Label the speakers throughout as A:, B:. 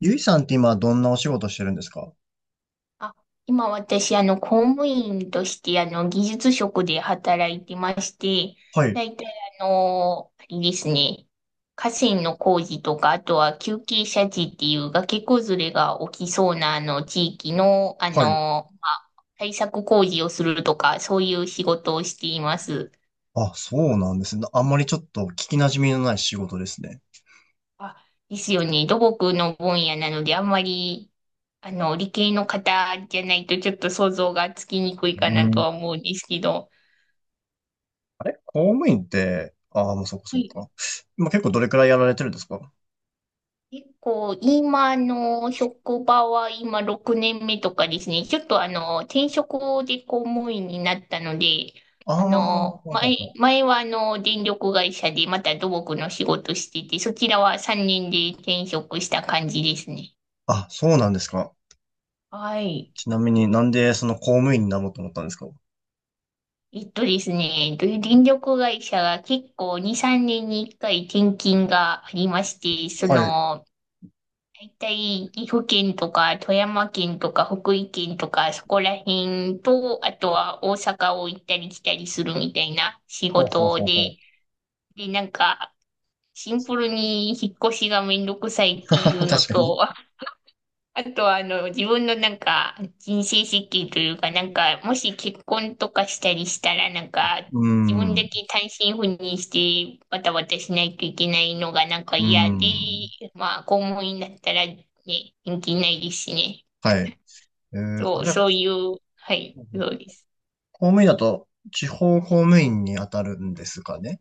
A: ゆいさんって今どんなお仕事してるんですか？
B: あ、今私、公務員として、技術職で働いてまして、
A: はい、
B: だいたい、あれですね、河川の工事とか、あとは急傾斜地っていう崖崩れが起きそうな、地域の、
A: はい。
B: まあ、対策工事をするとか、そういう仕事をしています。
A: あ、そうなんですね。あんまりちょっと聞き馴染みのない仕事ですね。
B: あ、ですよね、土木の分野なので、あんまり、理系の方じゃないと、ちょっと想像がつきにくいか
A: う
B: なと
A: ん。
B: は思うんですけど、
A: あれ、公務員って、ああ、もうそこそ
B: はい。
A: こか。今結構どれくらいやられてるんですか？
B: 結構、今の職場は今6年目とかですね、ちょっと転職で公務員になったので、
A: ああー、ほは
B: 前、
A: は。
B: 前は電力会社でまた土木の仕事してて、そちらは3年で転職した感じですね。
A: あ、そうなんですか。
B: はい。
A: ちなみになんでその公務員になろうと思ったんですか？
B: ですね、で電力会社が結構2、3年に1回転勤がありまして、そ
A: はい。
B: の、大体、岐阜県とか、富山県とか、福井県とか、そこら辺と、あとは大阪を行ったり来たりするみたいな仕
A: ほうほう
B: 事
A: ほうほ
B: で、
A: う。
B: で、なんか、シンプルに引っ越しがめんどくさい っていうの
A: 確かに。
B: と、あとは、自分のなんか、人生設計というか、なんか、もし結婚とかしたりしたら、なんか、
A: うー
B: 自分
A: ん。
B: だ
A: う
B: け単身赴任して、バタバタしないといけないのがなんか嫌で、
A: ん。
B: まあ、公務員だったらね、人気ないですしね。
A: はい。あ、
B: そう、
A: じゃあ、
B: そういう、はい、そうです。
A: 公務員だと地方公務員に当たるんですかね？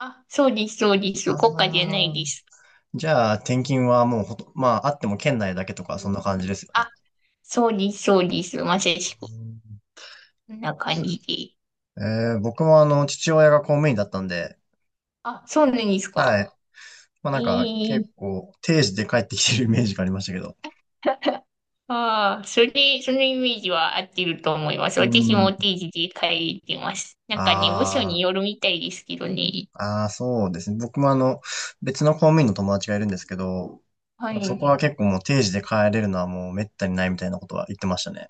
B: あ、そうです、そうで
A: あ
B: す。国家じゃない
A: あ、
B: です。
A: じゃあ、転勤はもうほと、まあ、あっても県内だけとか、
B: う
A: そ
B: ん。
A: んな感じですよ
B: あ、
A: ね。
B: そうです、そうです。まさしく。こんな感じで。
A: えー、僕もあの、父親が公務員だったんで、
B: あ、そうなんです
A: は
B: か。
A: い。まあ
B: え
A: なんか、
B: え。
A: 結構、定時で帰ってきてるイメージがありましたけど。
B: ああ、そのイメージは合ってると思います。
A: う
B: 私もお
A: ん。
B: 定時で帰ってます。なんかね、部署に
A: あ
B: よるみたいですけどね。
A: あ、ああ、そうですね。僕もあの、別の公務員の友達がいるんですけど、
B: は
A: そ
B: い。
A: こは結構もう定時で帰れるのはもう滅多にないみたいなことは言ってましたね。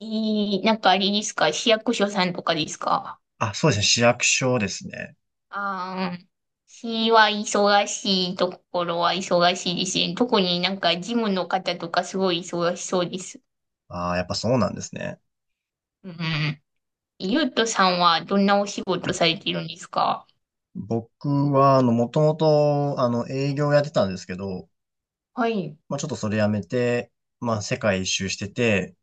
B: なんかあれですか、市役所さんとかですか？
A: あ、そうですね。市役所ですね。
B: ああ、市は忙しいところは忙しいですね。特になんか事務の方とかすごい忙しそうです。
A: ああ、やっぱそうなんですね。
B: うん。ゆうとさんはどんなお仕事されてるんですか？
A: 僕は、あの、もともと、あの、営業やってたんですけど、
B: はい。
A: まあ、ちょっとそれやめて、まあ、世界一周してて、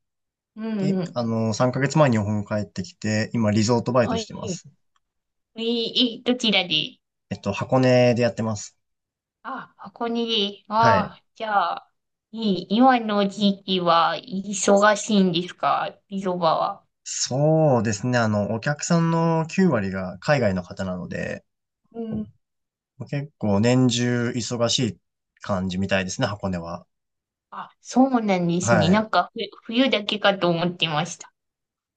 B: うん
A: で、
B: うん。
A: あの、3ヶ月前に日本帰ってきて、今、リゾートバイ
B: は
A: トし
B: い。
A: てます。
B: どちらで？
A: えっと、箱根でやってます。
B: あ、
A: はい。
B: ああ、じゃあ、今の時期は忙しいんですか、ビゾバは？
A: そうですね、あの、お客さんの9割が海外の方なので、
B: うん。
A: 結構年中忙しい感じみたいですね、箱根は。
B: あ、そうなんですね。
A: は
B: な
A: い。
B: んか、冬だけかと思ってました。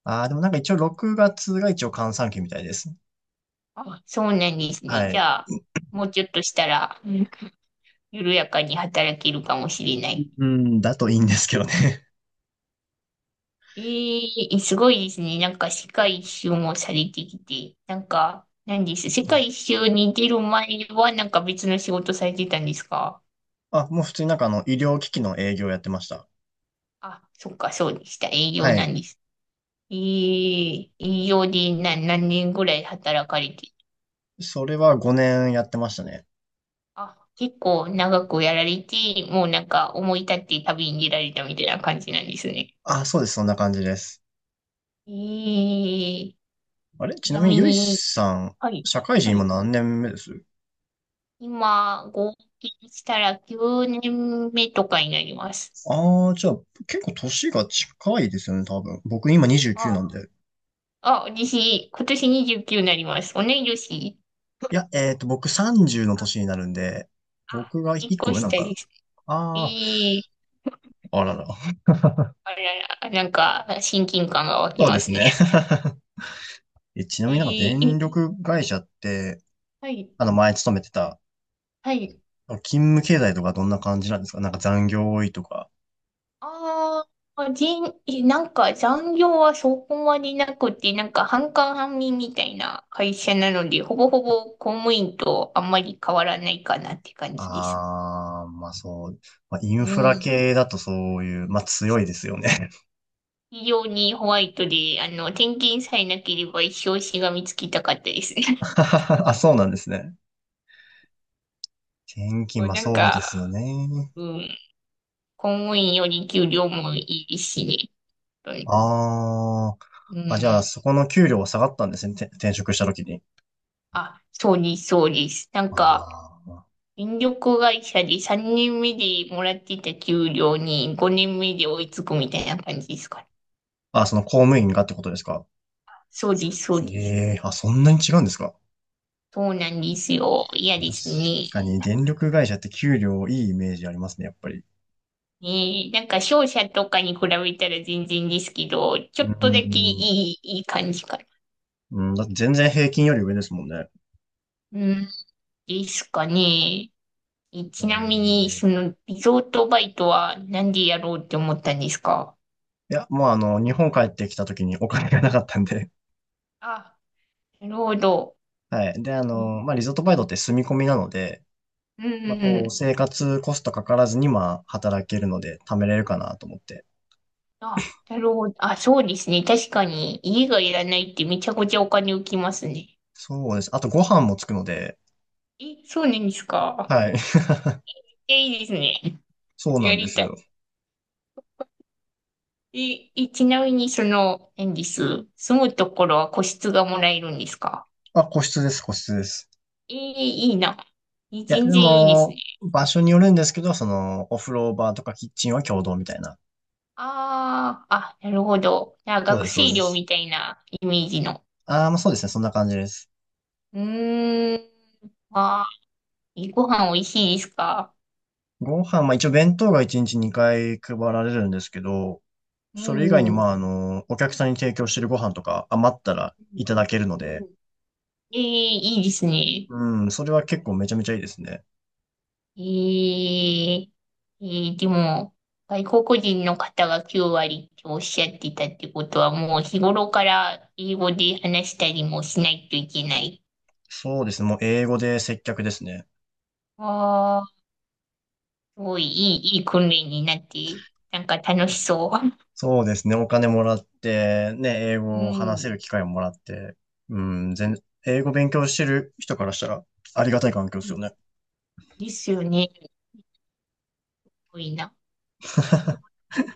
A: ああ、でもなんか一応6月がつが一応閑散期みたいです。
B: あ、そうなんです
A: は
B: ね。じ
A: い。
B: ゃあ、もうちょっとしたら、うん、緩やかに働けるかもしれない。
A: うん、だといいんですけどね。
B: ええ。すごいですね。なんか、世界一周もされてきて、なんか、なんです。世界一周に出る前は、なんか別の仕事されてたんですか？
A: あ、もう普通になんかあの、医療機器の営業やってました。
B: あ、そっか、そうでした。営業
A: は
B: な
A: い。
B: んです。ええ。営業で何年ぐらい働かれて。
A: それは5年やってましたね。
B: あ、結構長くやられて、もうなんか思い立って旅に出られたみたいな感じなんですね。
A: あ、そうです。そんな感じです。
B: ええ。ち
A: あれ、ちな
B: な
A: みに、
B: み
A: ゆい
B: に、
A: さん、
B: はい、
A: 社会
B: は
A: 人今
B: い。
A: 何年目です？
B: 今、合計したら9年目とかになります。
A: ああー、じゃあ、結構年が近いですよね、多分。僕今29
B: あ、
A: なんで。
B: あ、私、今年29になります。同い年。
A: いや、えっと、僕30の年になるんで、
B: あ、
A: 僕が1
B: 1
A: 個
B: 個
A: 上なん
B: 下
A: かな。
B: です。
A: ああ、
B: ええ。
A: あらら。
B: あ、いやいや、なんか、親近感が湧き
A: そう
B: ま
A: です
B: すね。
A: ね。え、ちなみ
B: い
A: になんか
B: い、い
A: 電力会社って、
B: はい、
A: あの、前勤めてた、
B: はい。
A: 勤務経済とかどんな感じなんですか？なんか残業多いとか。
B: ああ。なんか残業はそこまでなくて、なんか半官半民みたいな会社なので、ほぼほぼ公務員とあんまり変わらないかなって感じです。
A: ああ、まあそう。まあ、イン
B: う
A: フラ
B: ん。
A: 系だとそういう、まあ強いですよね。
B: 非常にホワイトで、転勤さえなければ一生しがみつきたかったですね。
A: あ、そうなんですね。転勤、
B: もう
A: まあ
B: なん
A: そうで
B: か、
A: すよね。
B: うん、公務員より給料もいいしね。本当に。
A: あー、
B: う
A: あ、じゃあ
B: ん。
A: そこの給料は下がったんですね。て転職した時に。
B: あ、そうです、そうです。なん
A: あ
B: か、
A: ー、
B: 電力会社で3年目でもらってた給料に5年目で追いつくみたいな感じですかね。
A: あ、その公務員がってことですか。
B: そうです、そうです。
A: ええー、あ、そんなに違うんですか。
B: そうなんですよ。嫌
A: 確
B: ですね。
A: かに電力会社って給料いいイメージありますね、やっぱり。
B: ねえ、なんか商社とかに比べたら全然ですけど、ちょ
A: う
B: っとだけい
A: ん、
B: い、いい感じかな。
A: うん、だって全然平均より上ですもんね。
B: うん、ですかね。
A: う
B: ちなみに、
A: ん。
B: その、リゾートバイトはなんでやろうって思ったんですか？
A: いや、もうあの、日本帰ってきた時にお金がなかったんで。
B: あ、なるほど。
A: はい。で、あの、まあ、リゾートバイトって住み込みなので、
B: うん
A: まあ、
B: う
A: こう、
B: ん。
A: 生活コストかからずに、まあ、働けるので、貯めれるかなと思って。
B: あ、なるほど。あ、そうですね。確かに、家がいらないってめちゃくちゃお金浮きますね。
A: そうです。あと、ご飯もつくので、
B: え、そうなんですか。
A: はい。
B: え、いいですね。
A: そうな
B: や
A: んで
B: り
A: す
B: たい。
A: よ。
B: え、ちなみに、その、何です。住むところは個室がもらえるんですか？
A: あ、個室です、個室です。
B: え、いいな。え、
A: いや、
B: 全
A: で
B: 然いいですね。
A: も、場所によるんですけど、その、お風呂場とかキッチンは共同みたいな。
B: ああ、あ、なるほど。あ、
A: そう
B: 学
A: です、そう
B: 生
A: で
B: 寮み
A: す。
B: たいなイメージの。
A: ああ、まあ、そうですね、そんな感じです。
B: うーん。あー、ご飯美味しいですか？
A: ご飯、まあ、一応弁当が1日2回配られるんですけど、
B: う
A: それ以外
B: ん。う
A: に、ま
B: ん。
A: あ、あの、お客さんに提供してるご飯とか余ったらいただけるの
B: う
A: で、
B: んえー、いいですね。
A: うん、それは結構めちゃめちゃいいですね。
B: ええ。でも、外国人の方が9割っておっしゃってたってことは、もう日頃から英語で話したりもしないといけない。
A: そうですね、もう英語で接客ですね。
B: ああ、すごいいい訓練になって、なんか楽しそ
A: そうですね、お金もらって、ね、英
B: う。う
A: 語を話せ
B: ん。
A: る機会をもらって、うん、英語勉強してる人からしたらありがたい環境ですよね。
B: ですよね。すごいな。英語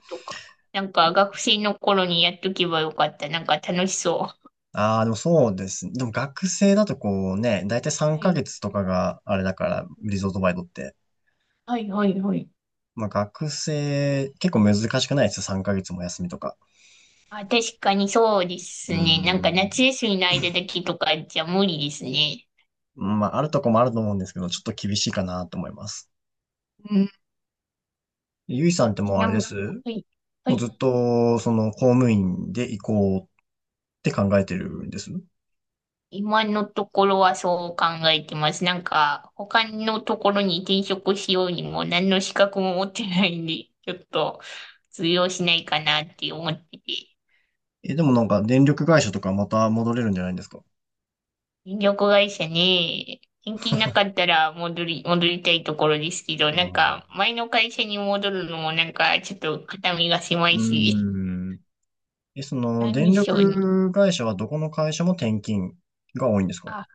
B: とか。なんか学生の頃にやっとけばよかった。なんか楽しそ
A: ああ、でもそうですね。でも学生だとこうね、だいたい
B: う。
A: 3
B: はい。
A: ヶ月とかがあれだから、リゾートバイトって。
B: はい、はい、はい。
A: まあ学生、結構難しくないですよ、3ヶ月も休みとか。
B: あ、確かにそうです
A: うー
B: ね。なんか夏
A: ん。
B: 休みの間だけとかじゃ無理ですね。
A: まあ、あるとこもあると思うんですけど、ちょっと厳しいかなと思います。
B: うん。
A: ゆいさんって
B: ち
A: もうあ
B: な
A: れ
B: み
A: で
B: に、
A: す、
B: はい、は
A: もう
B: い。
A: ずっと、その、公務員で行こうって考えてるんです？
B: 今のところはそう考えてます。なんか、他のところに転職しようにも何の資格も持ってないんで、ちょっと通用しないかなって思ってて。
A: え、でもなんか、電力会社とかまた戻れるんじゃないんですか？
B: 電力会社ね、転勤なかったら戻りたいところですけど、
A: あ
B: なんか、
A: あ、
B: 前の会社に戻るのもなんか、ちょっと肩身が狭
A: う
B: いし、
A: ーん。え、その、
B: なんで
A: 電
B: しょうね。
A: 力会社はどこの会社も転勤が多いんですか？
B: あ、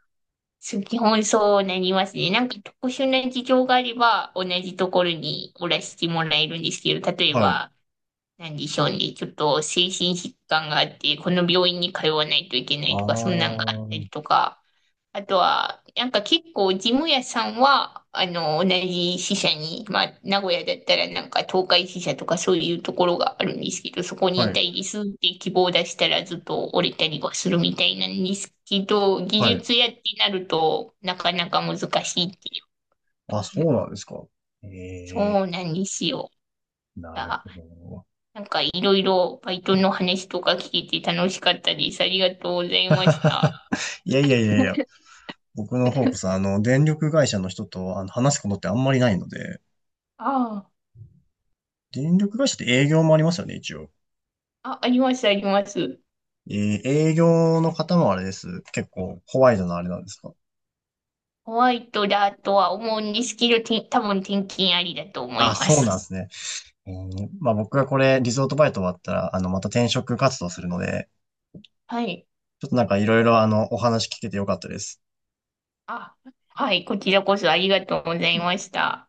B: そう基本そうなりますね。なんか特殊な事情があれば、同じところにおらしてもらえるんですけど、例え
A: はい。
B: ば、なんでしょうね。ちょっと精神疾患があって、この病院に通わないといけな
A: あ
B: い
A: あ、
B: とか、そんなんがあったり
A: は
B: とか、あとは、なんか結構、事務屋さんは、同じ支社に、まあ、名古屋だったらなんか東海支社とかそういうところがあるんですけど、そこにいた
A: い、
B: いですって希望を出したらずっと折れたりはするみたいなんですけど、技
A: はい。
B: 術屋ってなるとなかなか難しいっていう。
A: あ、そうなんですか。え
B: そう
A: え、
B: なんですよ。
A: なる
B: あ、
A: ほど。
B: なんかいろいろバイトの話とか聞けて楽しかったです。ありがとうございました。あ
A: いやいやいやいや、僕の方こそ、あの、電力会社の人とあの話すことってあんまりないので、
B: あ、
A: 電力会社って営業もありますよね、一応。
B: あ、あります、あります。
A: えー、営業の方もあれです。結構、ホワイトのあれなんですか？
B: ホワイトだとは思うんですけど、多分転勤ありだと思い
A: あ、
B: ま
A: そうな
B: す。
A: んですね。えー、まあ僕がこれ、リゾートバイト終わったら、あの、また転職活動するので、
B: はい。
A: ちょっとなんかいろいろあの、お話聞けてよかったです。
B: あ、はい。こちらこそありがとうございました。